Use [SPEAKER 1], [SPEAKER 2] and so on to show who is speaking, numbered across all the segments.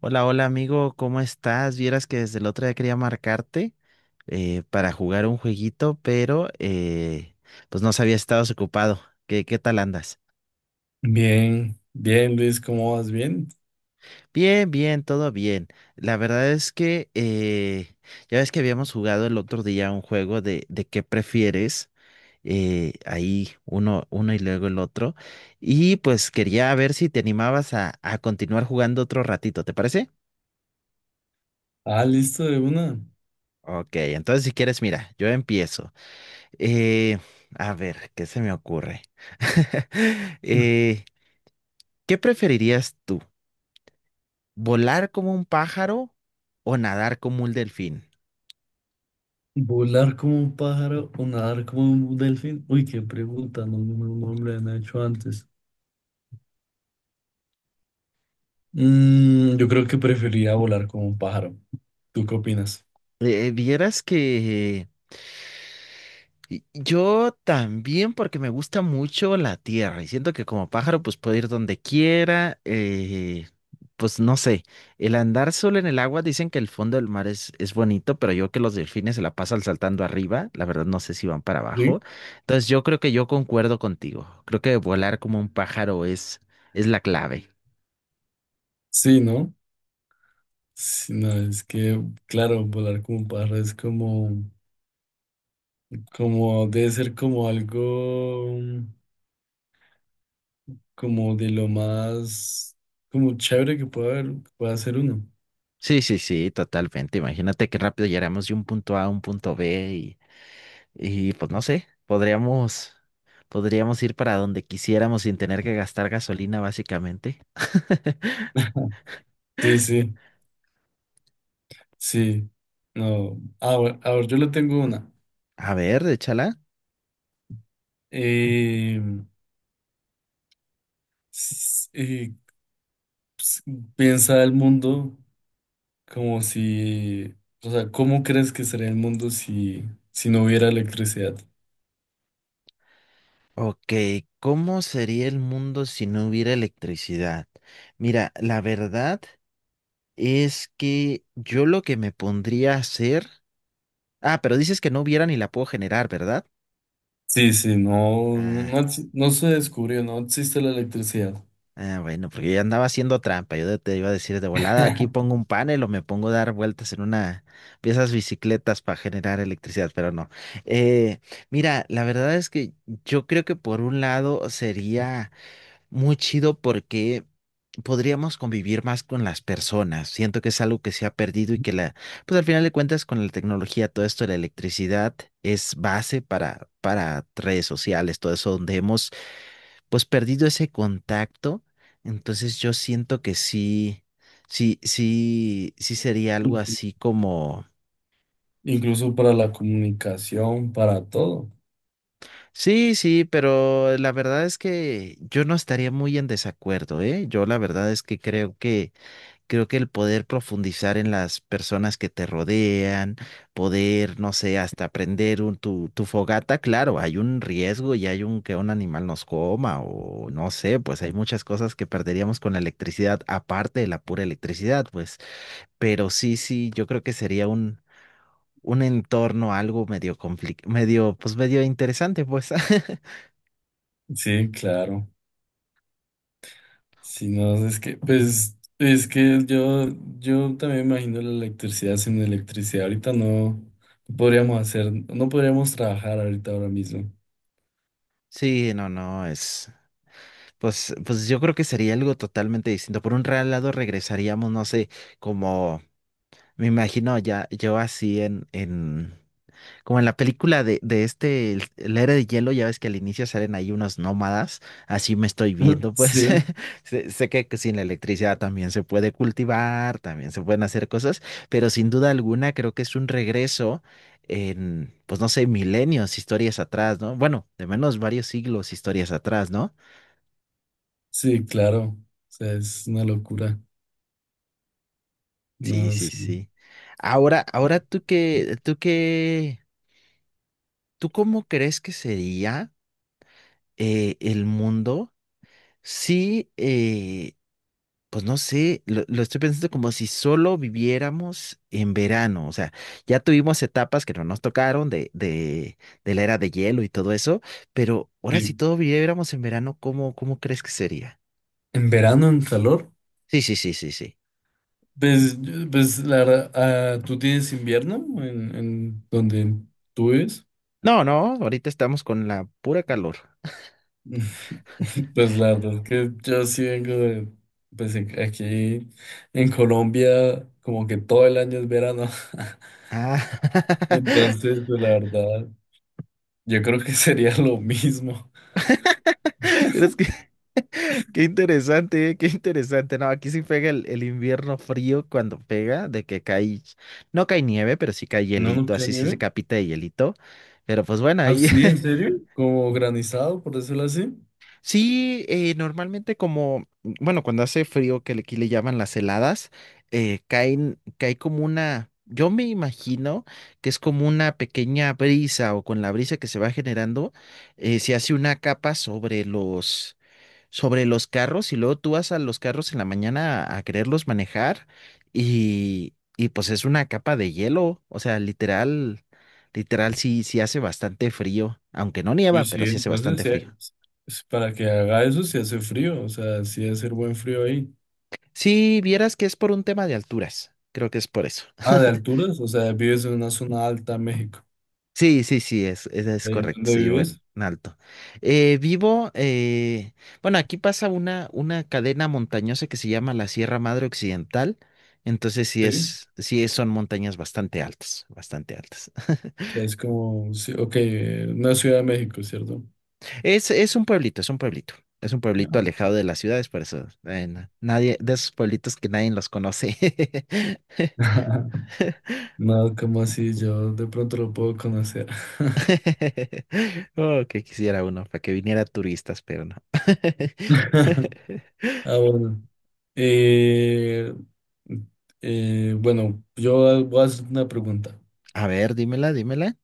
[SPEAKER 1] Hola, hola amigo, ¿cómo estás? Vieras que desde el otro día quería marcarte para jugar un jueguito, pero pues no sabía si estabas ocupado. ¿Qué tal andas?
[SPEAKER 2] Bien, bien, Luis, ¿cómo vas? Bien.
[SPEAKER 1] Bien, bien, todo bien. La verdad es que ya ves que habíamos jugado el otro día un juego de qué prefieres, ahí uno y luego el otro, y pues quería ver si te animabas a continuar jugando otro ratito, ¿te parece?
[SPEAKER 2] Ah, listo, de una.
[SPEAKER 1] Ok, entonces si quieres, mira, yo empiezo. Eh, a ver, ¿qué se me ocurre? Eh, ¿qué preferirías tú? ¿Volar como un pájaro o nadar como un delfín?
[SPEAKER 2] ¿Volar como un pájaro o nadar como un delfín? Uy, qué pregunta, no, no, no me la han hecho antes. Mm, yo creo que preferiría volar como un pájaro. ¿Tú qué opinas?
[SPEAKER 1] Eh, vieras que Yo también porque me gusta mucho la tierra y siento que como pájaro pues puedo ir donde quiera, pues no sé, el andar solo en el agua dicen que el fondo del mar es bonito, pero yo que los delfines se la pasan saltando arriba, la verdad no sé si van para
[SPEAKER 2] ¿Sí?
[SPEAKER 1] abajo, entonces yo creo que yo concuerdo contigo, creo que volar como un pájaro es la clave.
[SPEAKER 2] Sí, ¿no? Sí, no, es que, claro, volar como un pájaro es como, como, debe ser como algo, como de lo más, como chévere que puede haber, que pueda hacer uno.
[SPEAKER 1] Sí, sí, sí, totalmente, imagínate qué rápido llegaremos de un punto A a un punto B. Y pues no sé, podríamos ir para donde quisiéramos sin tener que gastar gasolina, básicamente.
[SPEAKER 2] Sí, sí. Sí, no. A ver, a ver, yo le tengo una.
[SPEAKER 1] A ver, échala.
[SPEAKER 2] Eh, s- eh, ps- Piensa el mundo como si, o sea, ¿cómo crees que sería el mundo si, si no hubiera electricidad?
[SPEAKER 1] Ok, ¿cómo sería el mundo si no hubiera electricidad? Mira, la verdad es que yo lo que me pondría a hacer... Ah, pero dices que no hubiera ni la puedo generar, ¿verdad?
[SPEAKER 2] Sí, sí, no,
[SPEAKER 1] Ah,
[SPEAKER 2] no, no se descubrió, no existe la electricidad.
[SPEAKER 1] ah, bueno, porque yo andaba haciendo trampa. Yo te iba a decir de volada, aquí pongo un panel o me pongo a dar vueltas en una de esas bicicletas para generar electricidad, pero no. Eh, mira, la verdad es que yo creo que por un lado sería muy chido porque podríamos convivir más con las personas. Siento que es algo que se ha perdido y que pues al final de cuentas con la tecnología, todo esto de la electricidad es base para redes sociales, todo eso donde hemos pues perdido ese contacto, entonces yo siento que sí, sí, sí, sí sería algo así como,
[SPEAKER 2] Incluso para la comunicación, para todo.
[SPEAKER 1] sí, sí, pero la verdad es que yo no estaría muy en desacuerdo, ¿eh? Yo la verdad es que creo que creo que el poder profundizar en las personas que te rodean, poder, no sé, hasta prender tu fogata, claro, hay un riesgo y hay un que un animal nos coma o no sé, pues hay muchas cosas que perderíamos con la electricidad, aparte de la pura electricidad, pues, pero sí, sí, yo creo que sería un entorno algo medio complicado, medio, pues medio interesante, pues.
[SPEAKER 2] Sí, claro. Si no, es que, pues, es que yo también me imagino la electricidad sin electricidad. Ahorita no podríamos hacer, no podríamos trabajar ahorita ahora mismo.
[SPEAKER 1] Sí, no, no, es, pues, pues yo creo que sería algo totalmente distinto. Por un lado regresaríamos, no sé, como me imagino ya yo así en como en la película de este el Héroe de Hielo, ya ves que al inicio salen ahí unos nómadas, así me estoy viendo, pues,
[SPEAKER 2] Sí,
[SPEAKER 1] sé, sé que sin la electricidad también se puede cultivar, también se pueden hacer cosas, pero sin duda alguna creo que es un regreso en, pues no sé, milenios, historias atrás, ¿no? Bueno, de menos varios siglos, historias atrás, ¿no?
[SPEAKER 2] sí, claro. O sea, es una locura.
[SPEAKER 1] Sí,
[SPEAKER 2] No,
[SPEAKER 1] sí,
[SPEAKER 2] sí.
[SPEAKER 1] sí. Ahora, ahora tú qué, tú qué, ¿tú cómo crees que sería? El mundo, sí, pues no sé, lo estoy pensando como si solo viviéramos en verano, o sea, ya tuvimos etapas que no nos tocaron de la era de hielo y todo eso, pero ahora si
[SPEAKER 2] Sí.
[SPEAKER 1] todo viviéramos en verano, ¿cómo crees que sería?
[SPEAKER 2] ¿En verano, en calor?
[SPEAKER 1] Sí, sí, sí, sí, sí.
[SPEAKER 2] Pues, pues la verdad, ah, ¿tú tienes invierno en donde tú vives?
[SPEAKER 1] No, no, ahorita estamos con la pura calor.
[SPEAKER 2] Pues la verdad es que yo sí vengo de, pues aquí en Colombia, como que todo el año es verano.
[SPEAKER 1] Ah,
[SPEAKER 2] Entonces, pues la verdad, yo creo que sería lo mismo.
[SPEAKER 1] es que qué interesante, qué interesante. No, aquí sí pega el invierno frío cuando pega, de que cae, no cae nieve, pero sí cae
[SPEAKER 2] ¿No nos
[SPEAKER 1] hielito,
[SPEAKER 2] queda
[SPEAKER 1] así sí se
[SPEAKER 2] nieve?
[SPEAKER 1] capita de hielito. Pero pues bueno,
[SPEAKER 2] ¿Ah,
[SPEAKER 1] ahí
[SPEAKER 2] sí? ¿En serio? ¿Como granizado, por decirlo así?
[SPEAKER 1] sí, normalmente como, bueno, cuando hace frío, que aquí le llaman las heladas, caen, cae como una, yo me imagino que es como una pequeña brisa o con la brisa que se va generando, se hace una capa sobre los carros y luego tú vas a los carros en la mañana a quererlos manejar y pues es una capa de hielo, o sea, literal, literal sí, sí hace bastante frío, aunque no nieva,
[SPEAKER 2] Pues
[SPEAKER 1] pero
[SPEAKER 2] sí,
[SPEAKER 1] sí hace
[SPEAKER 2] entonces
[SPEAKER 1] bastante
[SPEAKER 2] sí,
[SPEAKER 1] frío.
[SPEAKER 2] es para que haga eso si hace frío, o sea, sí debe ser buen frío ahí.
[SPEAKER 1] Si vieras que es por un tema de alturas, creo que es por eso.
[SPEAKER 2] Ah, de alturas, o sea, vives en una zona alta, México.
[SPEAKER 1] Sí, sí, sí, es
[SPEAKER 2] ¿En
[SPEAKER 1] correcto,
[SPEAKER 2] dónde
[SPEAKER 1] sí, bueno,
[SPEAKER 2] vives?
[SPEAKER 1] en alto. Vivo, bueno, aquí pasa una cadena montañosa que se llama la Sierra Madre Occidental, entonces
[SPEAKER 2] Sí.
[SPEAKER 1] sí es- son montañas bastante altas, bastante altas.
[SPEAKER 2] Sea, es como, sí, ok, no Ciudad de México, ¿cierto?
[SPEAKER 1] Es un pueblito, es un pueblito, es un pueblito
[SPEAKER 2] Claro.
[SPEAKER 1] alejado de las ciudades, por eso, nadie, de esos pueblitos que nadie los conoce.
[SPEAKER 2] No, como así, yo de pronto lo puedo conocer.
[SPEAKER 1] Oh, que quisiera uno, para que viniera turistas, pero no.
[SPEAKER 2] Ah, bueno. Eh, bueno, yo voy a hacer una pregunta.
[SPEAKER 1] A ver, dímela, dímela.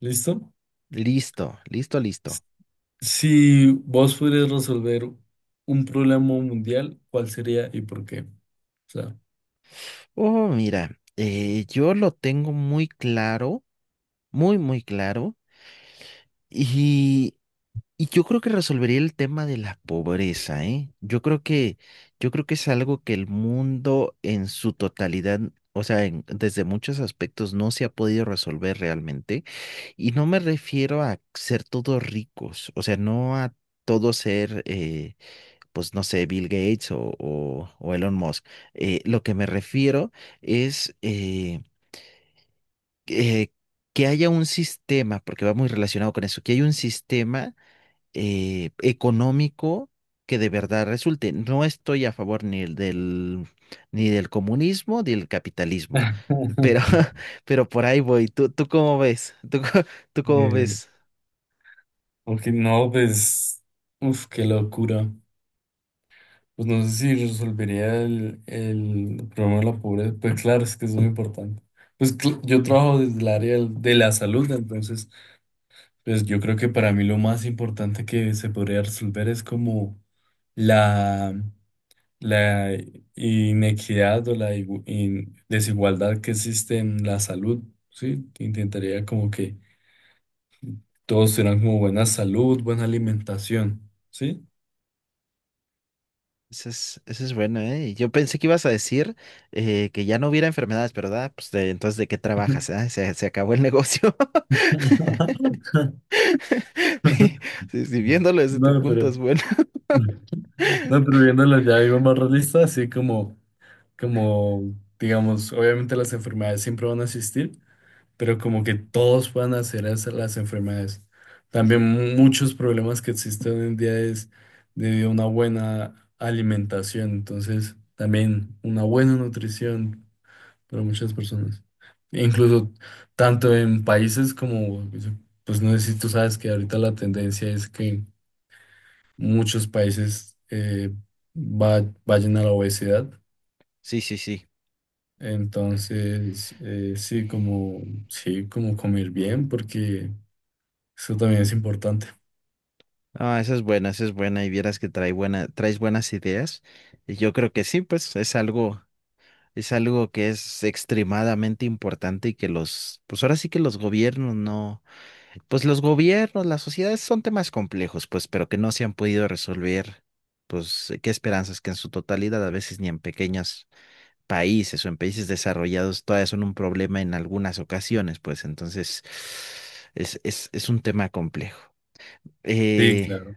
[SPEAKER 2] ¿Listo?
[SPEAKER 1] Listo, listo, listo.
[SPEAKER 2] Si vos pudieras resolver un problema mundial, ¿cuál sería y por qué? O sea,
[SPEAKER 1] Oh, mira, yo lo tengo muy claro, muy, muy claro, y, y yo creo que resolvería el tema de la pobreza, ¿eh? Yo creo que es algo que el mundo en su totalidad, o sea, en- desde muchos aspectos no se ha podido resolver realmente, y no me refiero a ser todos ricos, o sea, no a todo ser, pues no sé, Bill Gates o Elon Musk. Lo que me refiero es eh, que haya un sistema, porque va muy relacionado con eso, que haya un sistema económico que de verdad resulte. No estoy a favor ni del comunismo ni del capitalismo, pero, pero por ahí voy. ¿Tú cómo ves? ¿Tú, tú cómo
[SPEAKER 2] eh,
[SPEAKER 1] ves?
[SPEAKER 2] ok, no, pues, uf, qué locura. Pues no sé si resolvería el problema de la pobreza. Pues claro, es que es muy importante. Pues yo trabajo desde el área de la salud, entonces, pues yo creo que para mí lo más importante que se podría resolver es como la, la inequidad o la desigualdad que existe en la salud, ¿sí? Intentaría como que todos tengan como buena salud, buena alimentación, ¿sí?
[SPEAKER 1] Esa es buena, ¿eh? Yo pensé que ibas a decir que ya no hubiera enfermedades, pero ¿verdad? Pues entonces, ¿de qué trabajas? Ah, se acabó el negocio. Sí, sí, viéndolo desde tu
[SPEAKER 2] No,
[SPEAKER 1] punto es
[SPEAKER 2] pero
[SPEAKER 1] bueno.
[SPEAKER 2] no, pero viéndolo ya algo más realista, así como, como, digamos, obviamente las enfermedades siempre van a existir, pero como
[SPEAKER 1] Mm,
[SPEAKER 2] que todos puedan hacer esas las enfermedades. También muchos problemas que existen hoy en día es debido a una buena alimentación, entonces también una buena nutrición para muchas personas. E incluso tanto en países como, pues no sé si tú sabes que ahorita la tendencia es que muchos países vayan a la obesidad.
[SPEAKER 1] sí, sí, sí.
[SPEAKER 2] Entonces, sí, como comer bien, porque eso también es importante.
[SPEAKER 1] Ah, esa es buena, esa es buena. Y vieras que trae buena, traes buenas ideas. Y yo creo que sí, pues es algo que es extremadamente importante y que los, pues ahora sí que los gobiernos no. Pues los gobiernos, las sociedades son temas complejos, pues, pero que no se han podido resolver, pues, qué esperanzas que en su totalidad, a veces ni en pequeños países o en países desarrollados, todavía son un problema en algunas ocasiones, pues, entonces es un tema complejo.
[SPEAKER 2] Sí,
[SPEAKER 1] Eh,
[SPEAKER 2] claro.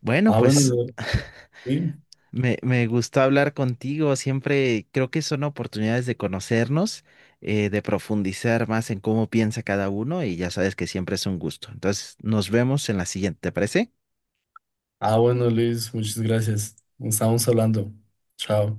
[SPEAKER 1] bueno,
[SPEAKER 2] Ah, bueno,
[SPEAKER 1] pues,
[SPEAKER 2] Sí.
[SPEAKER 1] Me gustó hablar contigo, siempre creo que son oportunidades de conocernos, de profundizar más en cómo piensa cada uno y ya sabes que siempre es un gusto. Entonces, nos vemos en la siguiente, ¿te parece?
[SPEAKER 2] Ah, bueno, Luis, muchas gracias. Estamos hablando. Chao.